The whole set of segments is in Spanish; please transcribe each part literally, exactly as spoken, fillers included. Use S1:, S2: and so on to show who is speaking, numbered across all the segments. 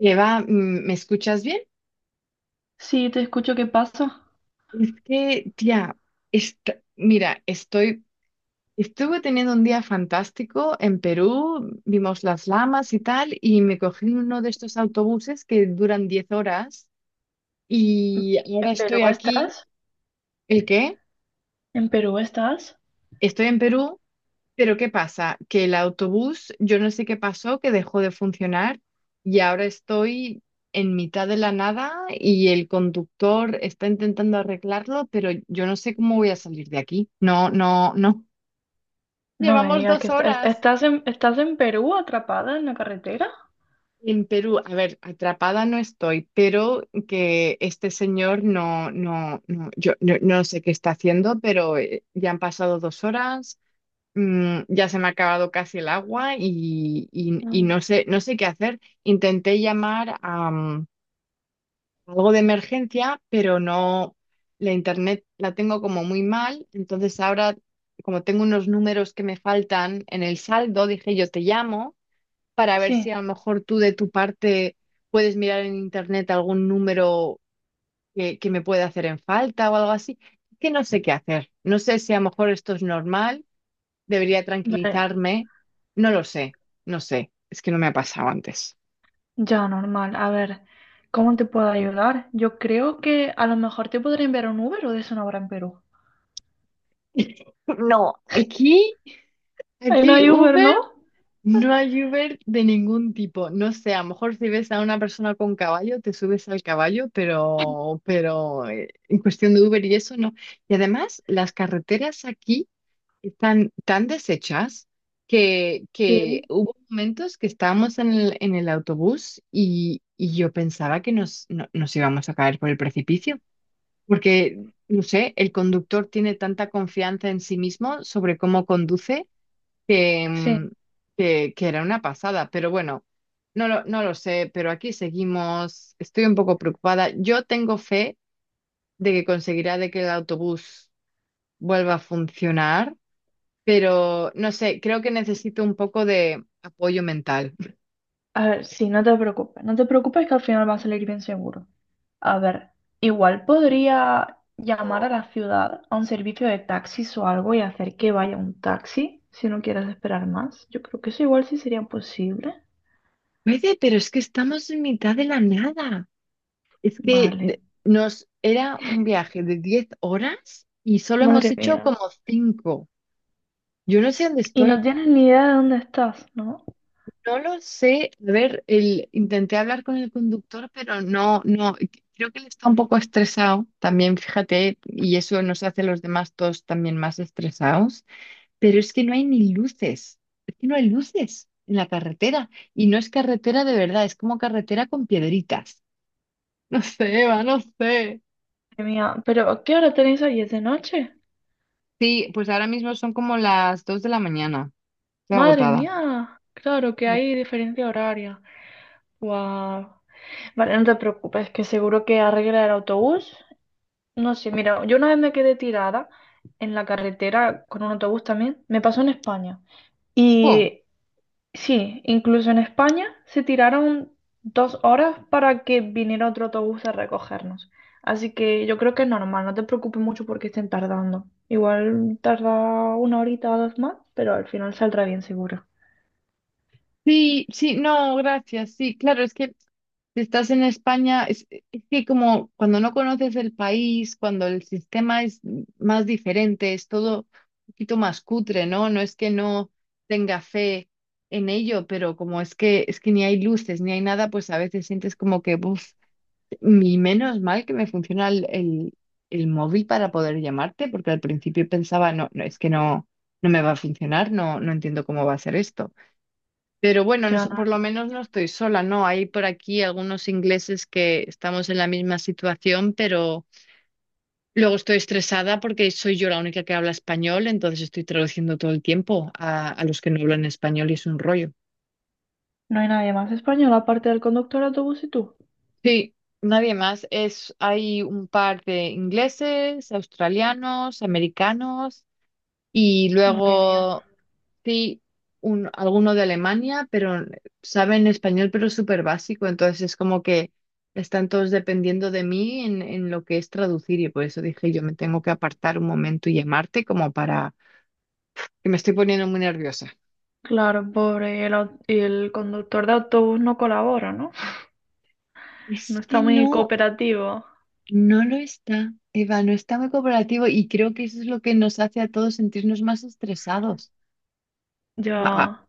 S1: Eva, mm, ¿me escuchas bien?
S2: Sí, te escucho, ¿qué pasa?
S1: Es que, tía, est- mira, estoy, estuve teniendo un día fantástico en Perú, vimos las llamas y tal, y me cogí uno de estos autobuses que duran diez horas y
S2: ¿En
S1: ahora
S2: Perú
S1: estoy aquí.
S2: estás?
S1: ¿El qué?
S2: ¿En Perú estás?
S1: Estoy en Perú. Pero ¿qué pasa? Que el autobús, yo no sé qué pasó, que dejó de funcionar y ahora estoy en mitad de la nada y el conductor está intentando arreglarlo, pero yo no sé cómo voy a salir de aquí. No, no, no.
S2: No me
S1: Llevamos
S2: digas que
S1: dos
S2: estás,
S1: horas
S2: estás en, estás en Perú atrapada en la carretera.
S1: en Perú. A ver, atrapada no estoy, pero que este señor no, no, no, yo no, no sé qué está haciendo, pero eh, ya han pasado dos horas. Mm, ya se me ha acabado casi el agua y, y- y
S2: Mm.
S1: no sé, no sé qué hacer. Intenté llamar a mm, algo de emergencia, pero no, la internet la tengo como muy mal, entonces ahora, como tengo unos números que me faltan en el saldo, dije yo te llamo para ver si
S2: Sí,
S1: a lo mejor tú de tu parte puedes mirar en internet algún número que, que me pueda hacer en falta o algo así. Que no sé qué hacer. No sé si a lo mejor esto es normal, debería
S2: vale,
S1: tranquilizarme. No lo sé, no sé. Es que no me ha pasado antes.
S2: ya normal. A ver, ¿cómo te puedo ayudar? Yo creo que a lo mejor te podría enviar un Uber o de eso no habrá en Perú.
S1: No, aquí,
S2: Ahí no
S1: aquí
S2: hay Uber,
S1: Uber,
S2: ¿no?
S1: no hay Uber de ningún tipo. No sé, a lo mejor si ves a una persona con caballo, te subes al caballo, pero, pero eh, en cuestión de Uber y eso no. Y además, las carreteras aquí están tan deshechas que, que
S2: Sí.
S1: hubo momentos que estábamos en el, en el autobús y, y yo pensaba que nos, no- nos íbamos a caer por el precipicio, porque, no sé, el conductor tiene tanta confianza en sí mismo sobre cómo conduce que,
S2: Sí.
S1: mm, que, que era una pasada, pero bueno. No lo, no lo sé, pero aquí seguimos. Estoy un poco preocupada. Yo tengo fe de que conseguirá de que el autobús vuelva a funcionar, pero no sé, creo que necesito un poco de apoyo mental.
S2: A ver, sí, no te preocupes. No te preocupes que al final va a salir bien seguro. A ver, igual podría llamar a la ciudad a un servicio de taxis o algo y hacer que vaya un taxi si no quieres esperar más. Yo creo que eso igual sí sería posible.
S1: Puede, pero es que estamos en mitad de la nada. Es que
S2: Vale.
S1: de- nos era un viaje de diez horas y solo hemos
S2: Madre
S1: hecho
S2: mía.
S1: como cinco. Yo no sé dónde
S2: Y no
S1: estoy.
S2: tienes ni idea de dónde estás, ¿no?
S1: No lo sé. A ver, el, intenté hablar con el conductor, pero no, no. Creo que él está un poco estresado también, fíjate, y eso nos hace a los demás todos también más estresados. Pero es que no hay ni luces, es que no hay luces en la carretera y no es carretera de verdad, es como carretera con piedritas. No sé, Eva, no sé.
S2: Madre mía. ¿Pero qué hora tenéis hoy? ¿Es de noche?
S1: Sí, pues ahora mismo son como las dos de la mañana, estoy
S2: Madre
S1: agotada.
S2: mía. Claro que
S1: Sí.
S2: hay diferencia horaria. Guau. Vale, no te preocupes, que seguro que arregla el autobús. No sé, mira, yo una vez me quedé tirada en la carretera con un autobús también, me pasó en España.
S1: Oh.
S2: Y sí, incluso en España se tiraron dos horas para que viniera otro autobús a recogernos. Así que yo creo que es normal, no te preocupes mucho porque estén tardando. Igual tarda una horita o dos más, pero al final saldrá bien seguro.
S1: Sí, sí, no, gracias. Sí, claro, es que si estás en España, es, es que como cuando no conoces el país, cuando el sistema es más diferente, es todo un poquito más cutre, ¿no? No es que no tenga fe en ello, pero como es que es que ni hay luces, ni hay nada, pues a veces sientes como que, uff, y menos mal que me funciona el, el, el móvil para poder llamarte, porque al principio pensaba, no, no, es que no, no me va a funcionar, no, no entiendo cómo va a ser esto. Pero bueno, no
S2: Ya
S1: so-
S2: no,
S1: por lo menos no estoy sola, ¿no? Hay por aquí algunos ingleses que estamos en la misma situación, pero luego estoy estresada porque soy yo la única que habla español, entonces estoy traduciendo todo el tiempo a, a los que no hablan español y es un rollo.
S2: no hay nadie más español aparte del conductor de autobús y tú.
S1: Sí, nadie más. Es, hay un par de ingleses, australianos, americanos y
S2: Madre mía.
S1: luego sí, un, alguno de Alemania, pero saben español, pero súper básico. Entonces es como que están todos dependiendo de mí en, en lo que es traducir. Y por eso dije, yo me tengo que apartar un momento y llamarte como para que me estoy poniendo muy nerviosa.
S2: Claro, pobre, el, au- y el conductor de autobús no colabora, ¿no? No
S1: Es que
S2: está muy
S1: no,
S2: cooperativo.
S1: no lo está, Eva, no está muy cooperativo y creo que eso es lo que nos hace a todos sentirnos más estresados. A a
S2: Ya,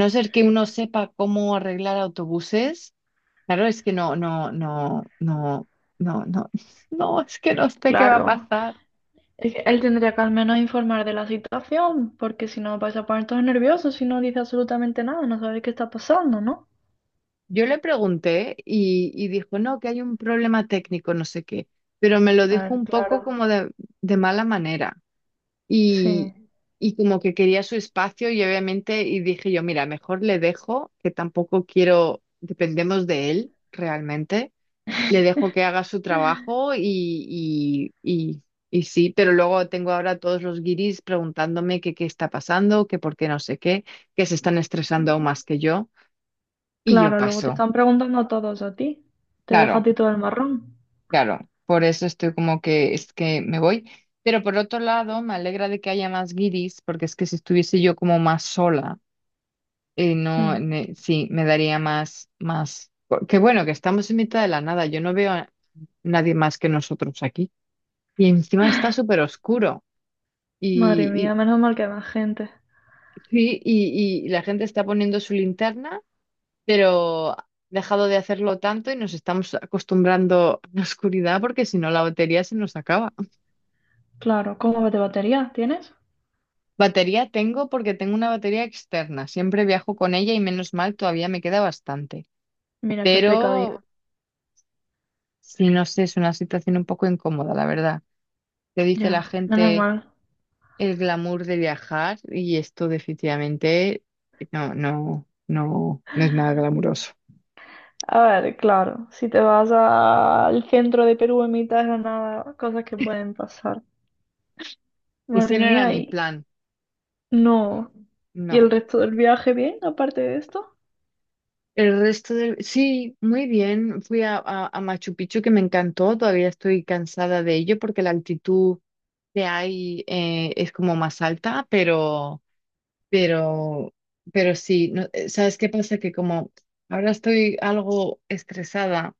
S1: no ser que uno sepa cómo arreglar autobuses. Claro, es que no, no, no, no, no, no, no, es que no sé qué va a
S2: claro.
S1: pasar.
S2: Es que él tendría que al menos informar de la situación, porque si no vais a poner todos nerviosos si no dice absolutamente nada, no sabéis qué está pasando, ¿no?
S1: Yo le pregunté y, y dijo, no, que hay un problema técnico, no sé qué, pero me lo
S2: A
S1: dijo
S2: ver,
S1: un poco
S2: claro.
S1: como de, de mala manera y,
S2: Sí.
S1: y como que quería su espacio y obviamente, y dije yo, mira, mejor le dejo, que tampoco quiero, dependemos de él realmente. Le dejo que haga su trabajo y, y, y, y sí, pero luego tengo ahora a todos los guiris preguntándome que qué está pasando, que por qué no sé qué, que se están estresando aún más que yo y yo
S2: Claro, luego te
S1: paso.
S2: están preguntando a todos a ti. Te deja a
S1: Claro,
S2: ti todo el marrón.
S1: claro, por eso estoy como que es que me voy. Pero por otro lado, me alegra de que haya más guiris, porque es que si estuviese yo como más sola, eh, no,
S2: Mm.
S1: ne- sí, me daría más, más. Que bueno, que estamos en mitad de la nada, yo no veo a nadie más que nosotros aquí. Y encima está súper oscuro.
S2: Madre
S1: Y,
S2: mía,
S1: y,
S2: menos mal que hay más gente.
S1: sí, y, y la gente está poniendo su linterna, pero ha dejado de hacerlo tanto y nos estamos acostumbrando a la oscuridad porque si no la batería se nos acaba.
S2: Claro, ¿cómo va de batería tienes?
S1: Batería tengo porque tengo una batería externa. Siempre viajo con ella y menos mal, todavía me queda bastante.
S2: Mira qué
S1: Pero,
S2: precavida.
S1: sí, no sé, es una situación un poco incómoda, la verdad. Te dice la
S2: Ya, menos
S1: gente.
S2: mal.
S1: El glamour de viajar y esto definitivamente no, no, no, no es nada glamuroso.
S2: A ver, claro, si te vas a- al centro de Perú en mitad de la nada, cosas que pueden pasar.
S1: Ese
S2: Madre
S1: no era
S2: mía,
S1: mi
S2: y
S1: plan,
S2: no. ¿Y
S1: no.
S2: el resto del viaje bien, aparte de esto?
S1: El resto del... Sí, muy bien. Fui a, a- a Machu Picchu que me encantó. Todavía estoy cansada de ello porque la altitud que hay eh, es como más alta, pero, pero, pero sí. No- eh, ¿sabes qué pasa? Que como ahora estoy algo estresada,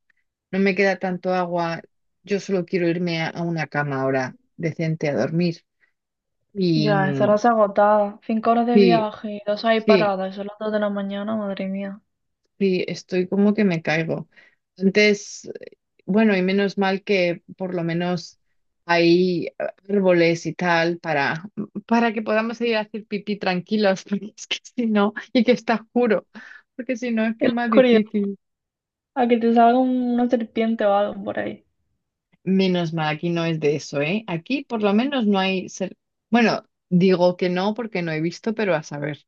S1: no me queda tanto agua, yo solo quiero irme a, a una cama ahora decente a dormir. Y
S2: Ya,
S1: mm,
S2: estarás agotada. Cinco horas de
S1: sí,
S2: viaje y dos ahí
S1: sí,
S2: paradas, son las dos de la mañana, madre mía.
S1: sí, estoy como que me caigo. Entonces bueno, y menos mal que por lo menos hay árboles y tal para, para que podamos ir a hacer pipí tranquilos, porque es que si no, y que está oscuro, porque si no es que
S2: En
S1: es
S2: la
S1: más
S2: oscuridad,
S1: difícil.
S2: a que te salga un- una serpiente o algo por ahí.
S1: Menos mal, aquí no es de eso, ¿eh? Aquí por lo menos no hay... ser- Bueno, digo que no porque no he visto, pero a saber.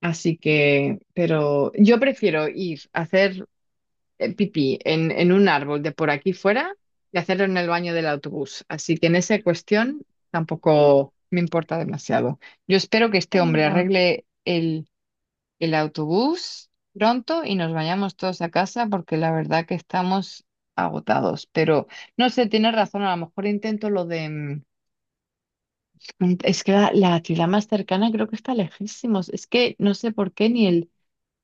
S1: Así que, pero yo prefiero ir a hacer eh, pipí en, en un árbol de por aquí fuera y hacerlo en el baño del autobús. Así que en esa cuestión tampoco me importa demasiado. Yo espero que este
S2: Oh,
S1: hombre
S2: va.
S1: arregle el el autobús pronto y nos vayamos todos a casa porque la verdad que estamos agotados. Pero no sé, tienes razón, a lo mejor intento lo de... mm, Es que la, la ciudad más cercana creo que está lejísimos. Es que no sé por qué ni el,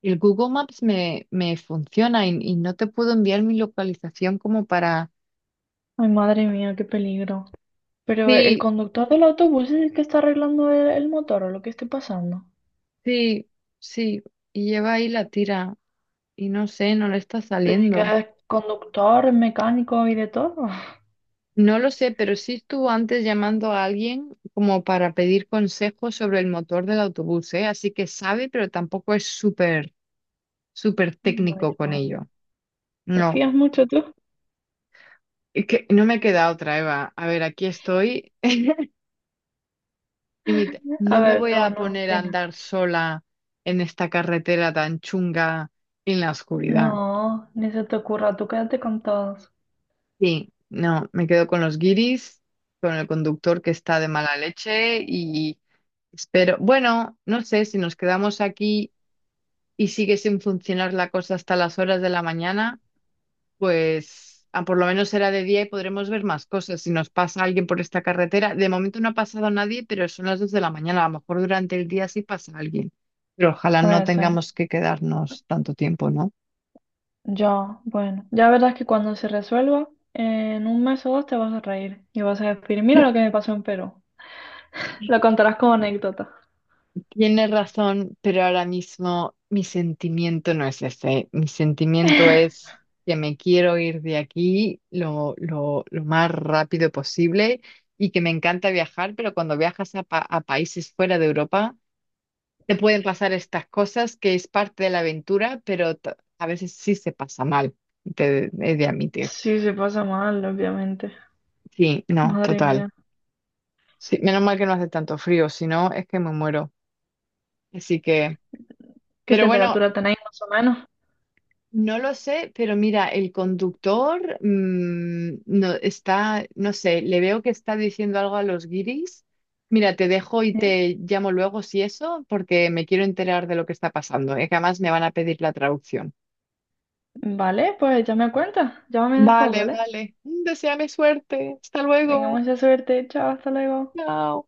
S1: el Google Maps me, me funciona y, y no te puedo enviar mi localización como para...
S2: Ay, madre mía, qué peligro. Pero el
S1: Sí,
S2: conductor del autobús es el que está arreglando el, el motor o lo que esté pasando.
S1: sí, sí. Y lleva ahí la tira y no sé, no le está
S2: Pero ¿y
S1: saliendo.
S2: que es conductor, mecánico y de todo?
S1: No lo sé, pero sí estuvo antes llamando a alguien como para pedir consejos sobre el motor del autobús, ¿eh? Así que sabe, pero tampoco es súper, súper
S2: Vaya,
S1: técnico con
S2: vaya.
S1: ello.
S2: ¿Te
S1: No,
S2: fías mucho tú?
S1: es que no me queda otra, Eva. A ver, aquí estoy. Y mi-
S2: A
S1: No me
S2: ver,
S1: voy
S2: no,
S1: a
S2: no,
S1: poner a
S2: venga.
S1: andar sola en esta carretera tan chunga en la oscuridad.
S2: No, ni se te ocurra, tú quédate con todos.
S1: Sí, no, me quedo con los guiris, con el conductor que está de mala leche y... Espero, bueno, no sé si nos quedamos aquí y sigue sin funcionar la cosa hasta las horas de la mañana, pues ah, por lo menos será de día y podremos ver más cosas. Si nos pasa alguien por esta carretera, de momento no ha pasado nadie, pero son las dos de la mañana. A lo mejor durante el día sí pasa alguien, pero ojalá no
S2: Puede ser.
S1: tengamos que quedarnos tanto tiempo, ¿no?
S2: Yo, bueno, ya verás que cuando se resuelva, en un mes o dos te vas a reír y vas a decir, mira lo que me pasó en Perú. Lo contarás como anécdota.
S1: Tienes razón, pero ahora mismo mi sentimiento no es ese. Mi sentimiento es que me quiero ir de aquí lo, lo, lo más rápido posible y que me encanta viajar, pero cuando viajas a, pa- a países fuera de Europa, te pueden pasar estas cosas que es parte de la aventura, pero t- a veces sí se pasa mal, te he de admitir.
S2: Sí, se pasa mal, obviamente.
S1: Sí, no,
S2: Madre
S1: total.
S2: mía.
S1: Sí, menos mal que no hace tanto frío, si no es que me muero. Así que,
S2: ¿Qué
S1: pero bueno.
S2: temperatura tenéis más o menos?
S1: No lo sé, pero mira, el conductor mm, no, está, no sé, le veo que está diciendo algo a los guiris. Mira, te dejo y
S2: ¿Eh?
S1: te llamo luego si eso, porque me quiero enterar de lo que está pasando, ¿eh? Que además me van a pedir la traducción.
S2: Vale, pues ya me cuentas. Llámame después,
S1: Vale,
S2: ¿vale?
S1: vale. Deseame suerte. Hasta
S2: Venga,
S1: luego.
S2: mucha suerte. Chao, hasta luego.
S1: Chao.